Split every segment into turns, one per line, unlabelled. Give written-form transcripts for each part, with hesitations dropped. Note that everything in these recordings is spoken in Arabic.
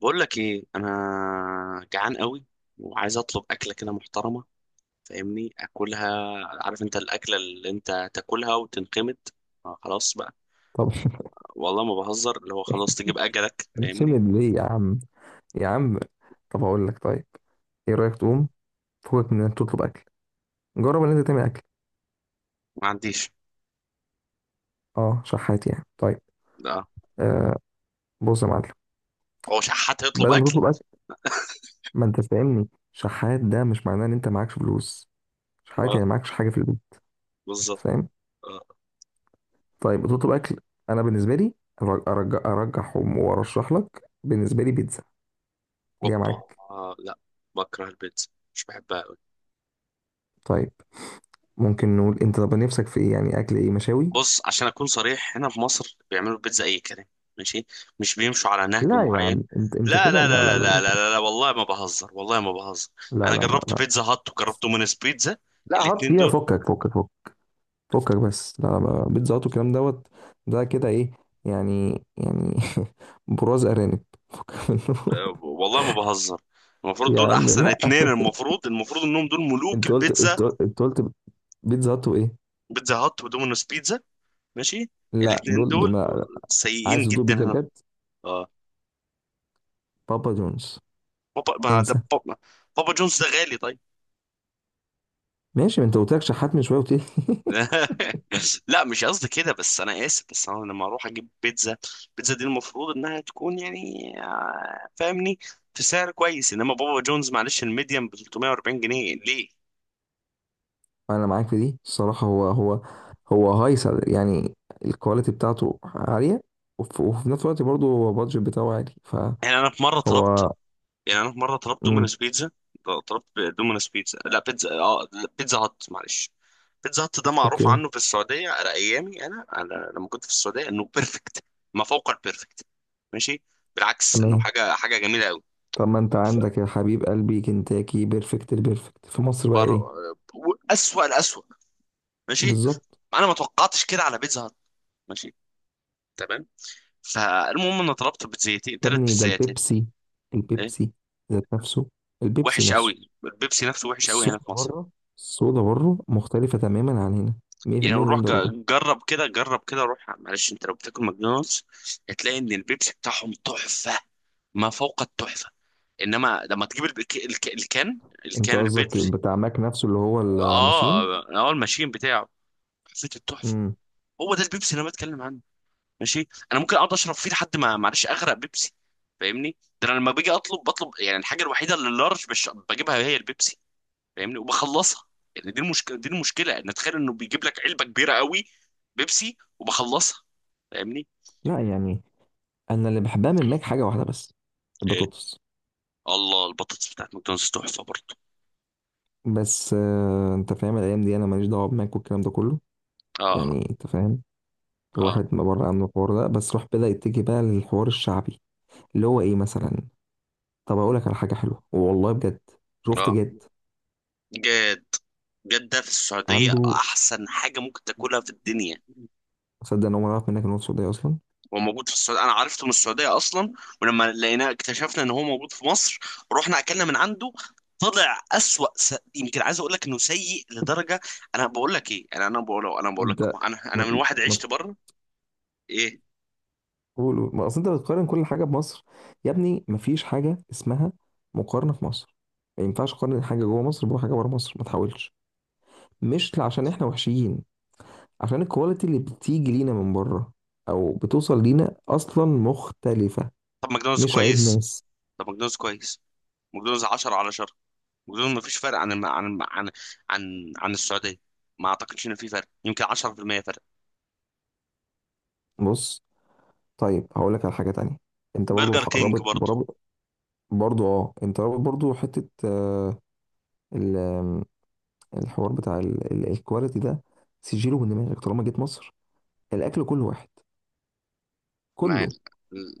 بقول لك ايه؟ انا جعان قوي، وعايز اطلب اكله كده محترمه. فاهمني؟ اكلها، عارف انت الاكله اللي انت تاكلها وتنقمت. آه، خلاص بقى.
طب.
والله ما بهزر، اللي هو خلاص تجيب اجلك، فاهمني؟
اعتمد ليه يا عم؟ يا عم، طب هقول لك. طيب ايه رايك تقوم فوقك من انك تطلب اكل؟ جرب ان انت تعمل اكل.
ما عنديش.
اه، شحات يعني؟ طيب.
لا.
آه، بص يا معلم،
هو شحات هيطلب
بدل ما
اكل؟
تطلب اكل، ما انت فاهمني، شحات ده مش معناه ان انت معكش فلوس. شحات
ولا.
يعني معكش حاجه في البيت،
بالظبط.
فاهم؟
آه.
طيب تطلب اكل. انا بالنسبه لي أرج- ارجع ارجح وارشح لك، بالنسبه لي بيتزا جايه
اوبا،
معاك.
آه لا. بكره البيتزا، مش بحبها.
طيب، ممكن نقول انت طب نفسك في ايه؟ يعني اكل ايه، مشاوي؟
بص، عشان اكون صريح، هنا في مصر بيعملوا البيتزا اي كلام. ماشي. مش بيمشوا على نهج
لا يا
معين.
عم، انت
لا
كده.
لا
لا لا
لا لا
لا،
لا لا، لا والله ما بهزر، والله ما بهزر.
لا لا
انا
لا
جربت
لا
بيتزا هات وجربت دومينيز بيتزا،
لا حط
الاتنين
فيها.
دول،
فكك فكك فكك فكك بس. لا لا بقى، بيتزا هات والكلام دوت ده كده ايه يعني؟ يعني براز ارانب. فكك منه.
آه، والله ما بهزر. المفروض
يا
دول
عم
احسن
لا.
اتنين، المفروض انهم دول ملوك
انت قلت،
البيتزا.
انت قلت، انت قلت بيتزا هات وايه؟
بيتزا هات ودومينيز بيتزا، ماشي،
لا
الاتنين
دول دول
دول
لا. عايز
سيئين
تدوق
جدا
بيتزا
هنا.
بجد؟
اه.
بابا جونز.
بابا، ما ده
انسى.
بابا. بابا جونز ده غالي طيب.
ماشي، ما انت قلت لك شحات من شويه، قلت لي.
لا مش قصدي كده، بس انا اسف، بس انا لما اروح اجيب بيتزا، بيتزا دي المفروض انها تكون يعني فاهمني؟ في سعر كويس، انما بابا جونز معلش الميديم ب 340 جنيه ليه؟
انا معاك في دي الصراحه. هو هو هايصه يعني. الكواليتي بتاعته عاليه، وفي نفس الوقت برضه هو البادجت بتاعه عالي.
يعني انا في مره طلبت
فهو.
يعني انا في مره طلبت
امم.
دومينوز بيتزا. طلبت دومينوز بيتزا، لا بيتزا، اه لا، بيتزا هات. معلش، بيتزا هات ده معروف
اوكي.
عنه في السعوديه على ايامي، انا على لما كنت في السعوديه انه بيرفكت، ما فوق البيرفكت، ماشي، بالعكس انه
تمام.
حاجه جميله قوي.
طب ما انت عندك يا حبيب قلبي كنتاكي، بيرفكت البيرفكت في مصر بقى
بر...
ايه؟
اسوأ الاسوأ. ماشي.
بالظبط.
انا ما توقعتش كده على بيتزا هات. ماشي. تمام. فالمهم انا طلبت بيتزايتين،
يا
ثلاث
ابني ده
بيتزايتين.
البيبسي،
ايه؟
البيبسي ذات نفسه، البيبسي
وحش
نفسه.
قوي، البيبسي نفسه وحش قوي هنا في
الصودا
مصر.
بره، الصودا بره مختلفة تماما عن هنا،
يعني روح
180 درجة.
جرب كده، جرب كده، روح، معلش انت لو بتاكل ماكدونالدز هتلاقي ان البيبسي بتاعهم تحفة، ما فوق التحفة. انما لما تجيب
انت
الكان
قصدك
البيبسي.
بتاع ماك نفسه اللي هو الماشين.
اه، اه، الماشين بتاعه، حسيت التحفة.
امم.
هو ده البيبسي اللي انا بتكلم عنه. ماشي، انا ممكن اقعد اشرب فيه لحد ما معلش اغرق بيبسي، فاهمني؟ ده انا لما باجي اطلب، بطلب يعني الحاجه الوحيده اللي اللارج بجيبها هي البيبسي، فاهمني، وبخلصها. يعني دي المشكله ان تخيل انه بيجيب لك علبه كبيره قوي بيبسي وبخلصها، فاهمني.
لا يعني، انا اللي بحبها من ماك حاجة واحدة بس،
ايه؟
البطاطس.
الله، البطاطس بتاعت ماكدونالدز تحفه برضه.
بس انت فاهم، الايام دي انا ماليش دعوة بماك والكلام ده كله.
اه.
يعني انت فاهم.
اه.
الواحد ما بره عنه الحوار ده، بس راح بدأ يتجه بقى للحوار الشعبي، اللي هو ايه مثلا؟ طب اقول لك على حاجه حلوه والله بجد. شفت
اه.
جد؟
جد؟ جدة في السعودية
عنده.
أحسن حاجة ممكن تاكلها في الدنيا.
صدق ان هو ما يعرف منك ان هو سعودي اصلا.
هو موجود في السعودية، أنا عرفته من السعودية أصلا. ولما لقيناه اكتشفنا إن هو موجود في مصر، رحنا أكلنا من عنده، طلع أسوأ يمكن عايز أقول لك إنه سيء لدرجة. أنا بقول لك،
انت
أنا من
ما،
واحد
ما
عشت بره. إيه؟
تقول، ما اصل انت بتقارن كل حاجه بمصر. يا ابني، ما فيش حاجه اسمها مقارنه في مصر. ما ينفعش تقارن حاجه جوه مصر بحاجه بره مصر. ما تحاولش. مش عشان احنا وحشيين، عشان الكواليتي اللي بتيجي لينا من بره او بتوصل لينا اصلا مختلفه.
طب ماكدونالدز
مش عيب
كويس،
ناس.
طب ماكدونالدز كويس ماكدونالدز 10 على 10. ماكدونالدز ما فيش فرق عن الم... عن الم... عن عن عن السعودية. ما أعتقدش إن في فرق، يمكن 10% فرق.
بص، طيب هقول لك على حاجه تانية. انت برضو
برجر كينج
رابط
برضه.
برابط. برضو اه، انت رابط برضو حته، آه، ال- آم، الحوار بتاع الكواليتي ده، سجله من دماغك. طالما جيت مصر الاكل كله واحد،
ما
كله.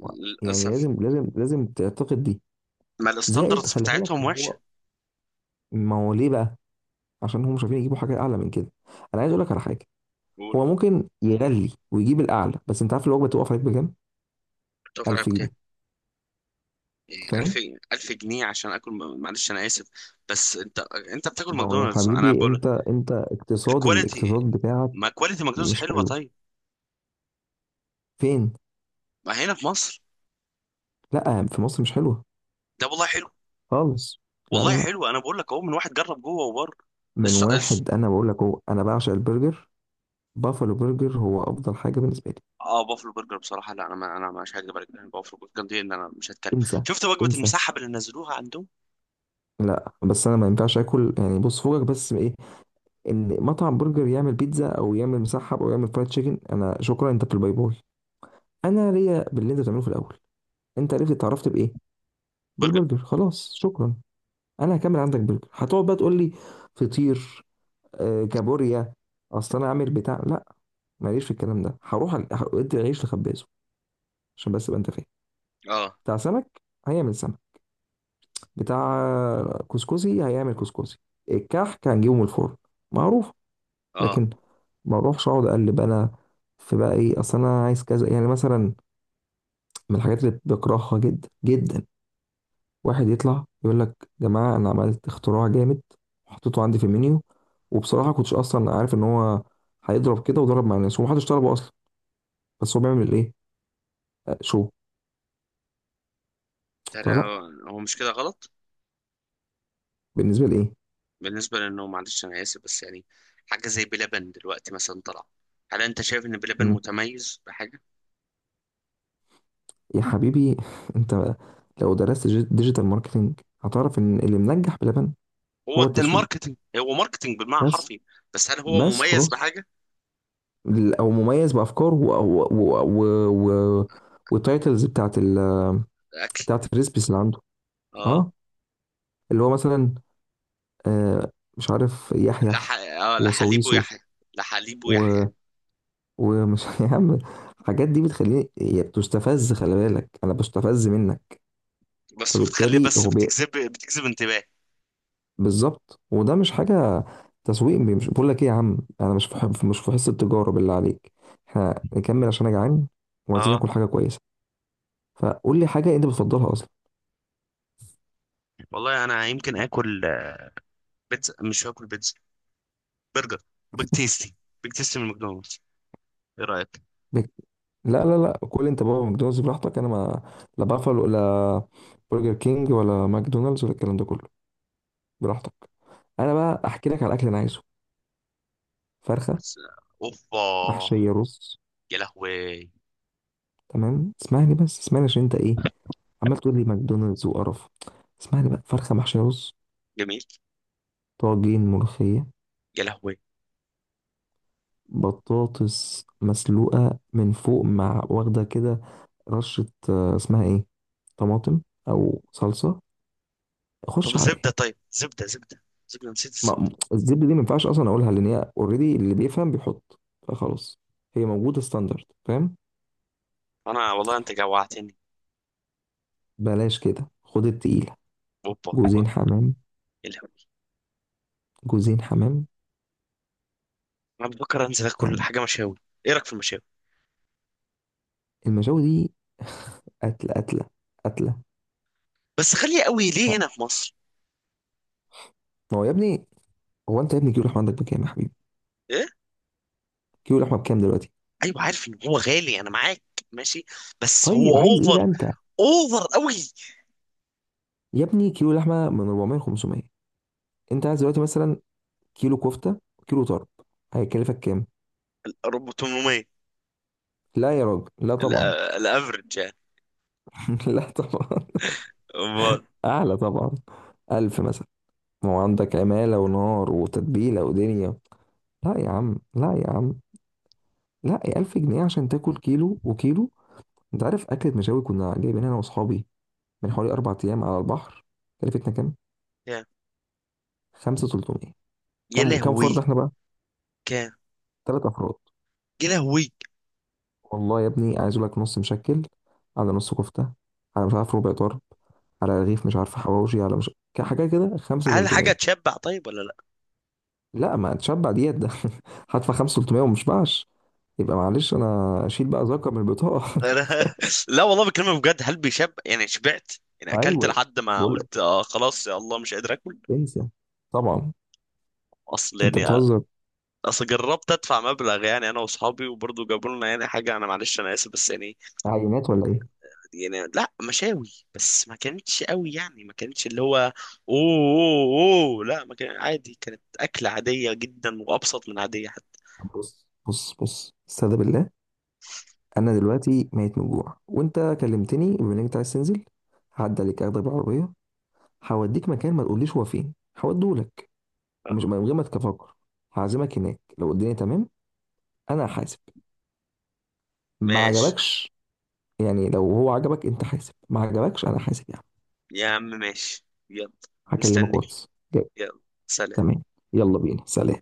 و- يعني لازم لازم لازم تعتقد دي.
ما
زائد
الستاندردز
خلي بالك
بتاعتهم وحشة.
هو، ما هو ليه بقى؟ عشان هم مش عارفين يجيبوا حاجه اعلى من كده. انا عايز اقول لك على حاجه.
قول.
هو ممكن يغلي ويجيب الاعلى، بس انت عارف الوجبه تقف عليك بكام؟
بتوفر عليها
1000
بكام؟
جنيه
ألف؟
فاهم؟
ألف جنيه عشان آكل؟ معلش أنا آسف، بس أنت، أنت بتاكل
ما هو يا
ماكدونالدز، أنا
حبيبي
بقول
انت، انت اقتصاد
الكواليتي.
الاقتصاد
ما
بتاعك.
كواليتي ماكدونالدز
مش
حلوة
حلو.
طيب.
فين؟
ما هنا في مصر
لا، في مصر مش حلوه
ده والله حلو.
خالص. لا لا
والله
لا،
حلو، أنا بقول لك أهو من واحد جرب جوه وبره.
من
الس... الس...
واحد انا بقول لك، هو انا بعشق البرجر. بافلو برجر هو افضل حاجه بالنسبه لي.
اه، بافلو برجر بصراحة، لا أنا ما... أنا مش هكدب عليك، يعني بافلو برجر دي إن أنا مش هتكلم.
انسى.
شفت وجبة
انسى.
المسحب اللي نزلوها عندهم؟
لا بس انا ما ينفعش اكل يعني. بص فوقك بس من ايه؟ ان مطعم برجر يعمل بيتزا او يعمل مسحب او يعمل فرايد تشيكن، انا شكرا، انت في الباي باي. انا ليا باللي انت بتعمله في الاول. انت عرفت اتعرفت بايه؟
برجر.
بالبرجر، خلاص شكرا. انا هكمل عندك برجر، هتقعد بقى تقول لي فطير، كابوريا. اصل انا عامل بتاع لا، ماليش في الكلام ده. هروح ادي العيش لخبازه عشان بس ابقى انت فاهم.
اه.
بتاع سمك هيعمل سمك، بتاع كسكسي هيعمل كسكسي، الكحك هنجيبه من الفرن، معروف.
اه.
لكن ما اروحش اقعد اقلب انا في بقى ايه؟ اصل انا عايز كذا يعني مثلا. من الحاجات اللي بكرهها جدا جدا، واحد يطلع يقول لك يا جماعه، انا عملت اختراع جامد وحطيته عندي في المنيو، وبصراحه كنتش اصلا عارف ان هو هيضرب كده، وضرب مع الناس ومحدش طلبه اصلا. بس هو بيعمل ايه؟ شو.
ترى
فلا.
هو مش كده غلط.
بالنسبه لايه؟
بالنسبة لأنه معلش أنا آسف، بس يعني حاجة زي بلبن دلوقتي مثلا طلع، هل أنت شايف إن بلبن
مم.
متميز بحاجة؟
يا حبيبي، انت لو درست ديجيتال ماركتنج هتعرف ان اللي منجح بلبن
هو
هو
ده
التسويق
الماركتينج، هو ماركتينج بالمعنى
بس.
الحرفي. بس هل هو
بس
مميز
خلاص.
بحاجة؟
او مميز بافكاره و والتايتلز بتاعت ال،
أكل.
بتاعت الريسبيس اللي عنده.
آه.
اه، اللي هو مثلا آه مش عارف يحيح
آه، لحليب
وصويسه،
ويحيى، لحليب
و،
ويحيى.
ومش يا عم. الحاجات دي بتخليني، هي بتستفز. خلي بالك انا بستفز منك.
بس بتخلي
فبالتالي
بس
هو
بتجذب انتباه.
بالظبط. وده مش حاجه تسويق. مش بقول لك ايه يا عم، انا مش في حب مش في حصه التجاره بالله عليك. احنا نكمل عشان انا جعان، وعايزين
آه،
ناكل حاجه كويسه. فقول لي حاجه انت بتفضلها اصلا.
والله أنا يمكن آكل. بيتزا؟ مش هاكل بيتزا. برجر. بيج تيستي. بيج تيستي من ماكدونالدز. إيه رأيك؟
بك- لا لا لا، كل انت بابا ماكدونالدز براحتك. انا ما، لا بافالو ولا برجر كينج ولا ماكدونالدز ولا الكلام ده كله، براحتك. انا بقى احكي لك على الاكل اللي انا عايزه. فرخه
بس أوبا.
محشيه رز،
يا لهوي.
تمام. اسمعني بس، اسمعني عشان انت ايه عمال تقول لي ماكدونالدز وقرف. اسمعني بقى، فرخه محشيه رز،
جميل.
طاجين ملوخيه،
يا لهوي.
بطاطس مسلوقة من فوق مع واخدة كده رشة، اسمها ايه، طماطم او صلصة.
طب
خش على
زبدة،
ايه؟
طيب زبدة، زبدة، نسيت
ما
الزبدة.
م- الزبدة دي ما ينفعش اصلا اقولها، لان هي اوريدي اللي بيفهم بيحط، فخلاص، هي موجودة ستاندرد، فاهم؟
انا والله انت جوعتني.
بلاش كده، خد التقيلة،
اوبا،
جوزين
أوبا.
حمام،
إيه الهبل؟
جوزين حمام،
انا بفكر انزل اكل
يعني.
حاجة مشاوي. ايه رأيك في المشاوي؟
المشاوي دي قتلة، قتلة، قتلة.
بس غالية قوي ليه
لا،
هنا في مصر؟
ما هو يا ابني، هو انت يا ابني كيلو لحمة عندك بكام يا حبيبي؟
ايه؟
كيلو لحمة بكام دلوقتي؟
ايوه عارف ان هو غالي، انا معاك. ماشي. بس هو
طيب عايز ايه بقى
اوفر،
انت؟
اوفر قوي.
يا ابني كيلو لحمه من 400 500. انت عايز دلوقتي مثلا كيلو كفته وكيلو طرب، هيكلفك كام؟
ال 800.
لا يا راجل لا طبعا.
الافرج يعني.
لا طبعا.
امال.
اعلى طبعا. ألف مثلا. ما هو عندك عماله ونار وتتبيله ودنيا. لا يا عم لا يا عم، لا يا ألف جنيه عشان تاكل كيلو وكيلو. انت عارف اكله مشاوي كنا جايبين انا واصحابي من حوالي 4 ايام على البحر، كلفتنا كام؟
كام؟
5300.
يا
كام، كام فرد
لهوي.
احنا بقى؟
كام؟
3 افراد.
يا لهوي.
والله يا ابني عايز اقول لك نص مشكل على نص كفته، على مش عارف ربع طرب، على رغيف مش عارف حواوشي، على مش حاجه كده، 5
هل حاجة
300
تشبع طيب ولا لا؟
لا ما تشبع ديت ده. هدفع 5300 وما اشبعش، يبقى معلش انا اشيل بقى زكاه من البطاقه.
أنا... لا والله بكلمك بجد، هل بيشب يعني شبعت؟ يعني اكلت
ايوه.
لحد ما
بقول لك
قلت آه خلاص يا الله مش قادر اكل.
انسى طبعا.
اصل
انت
يعني
بتهزر.
اصل جربت ادفع مبلغ يعني انا واصحابي وبرضه جابوا لنا يعني حاجه، انا معلش انا اسف بس يعني
عينات ولا ايه؟
يعني لا، مشاوي بس ما كانتش قوي، يعني ما كانتش اللي هو اوه. أوه، لا ما كان عادي، كانت اكله عاديه جدا وابسط من عاديه حتى.
طب بص بص بص استهدى بالله، انا دلوقتي ميت من الجوع، وانت كلمتني بما انك أنت عايز تنزل. هعدي عليك، اخدك بالعربيه، هوديك مكان ما تقوليش هو فين، هوديهولك. ومش من غير ما تفكر هعزمك هناك. لو الدنيا تمام انا حاسب، ما
ماشي.
عجبكش، يعني لو هو عجبك انت حاسب، ما عجبكش انا حاسب، يعني.
يا عم ماشي. يلا.
هكلمك
مستني.
واتس. جاي.
يلا. سلام.
تمام، يلا بينا، سلام.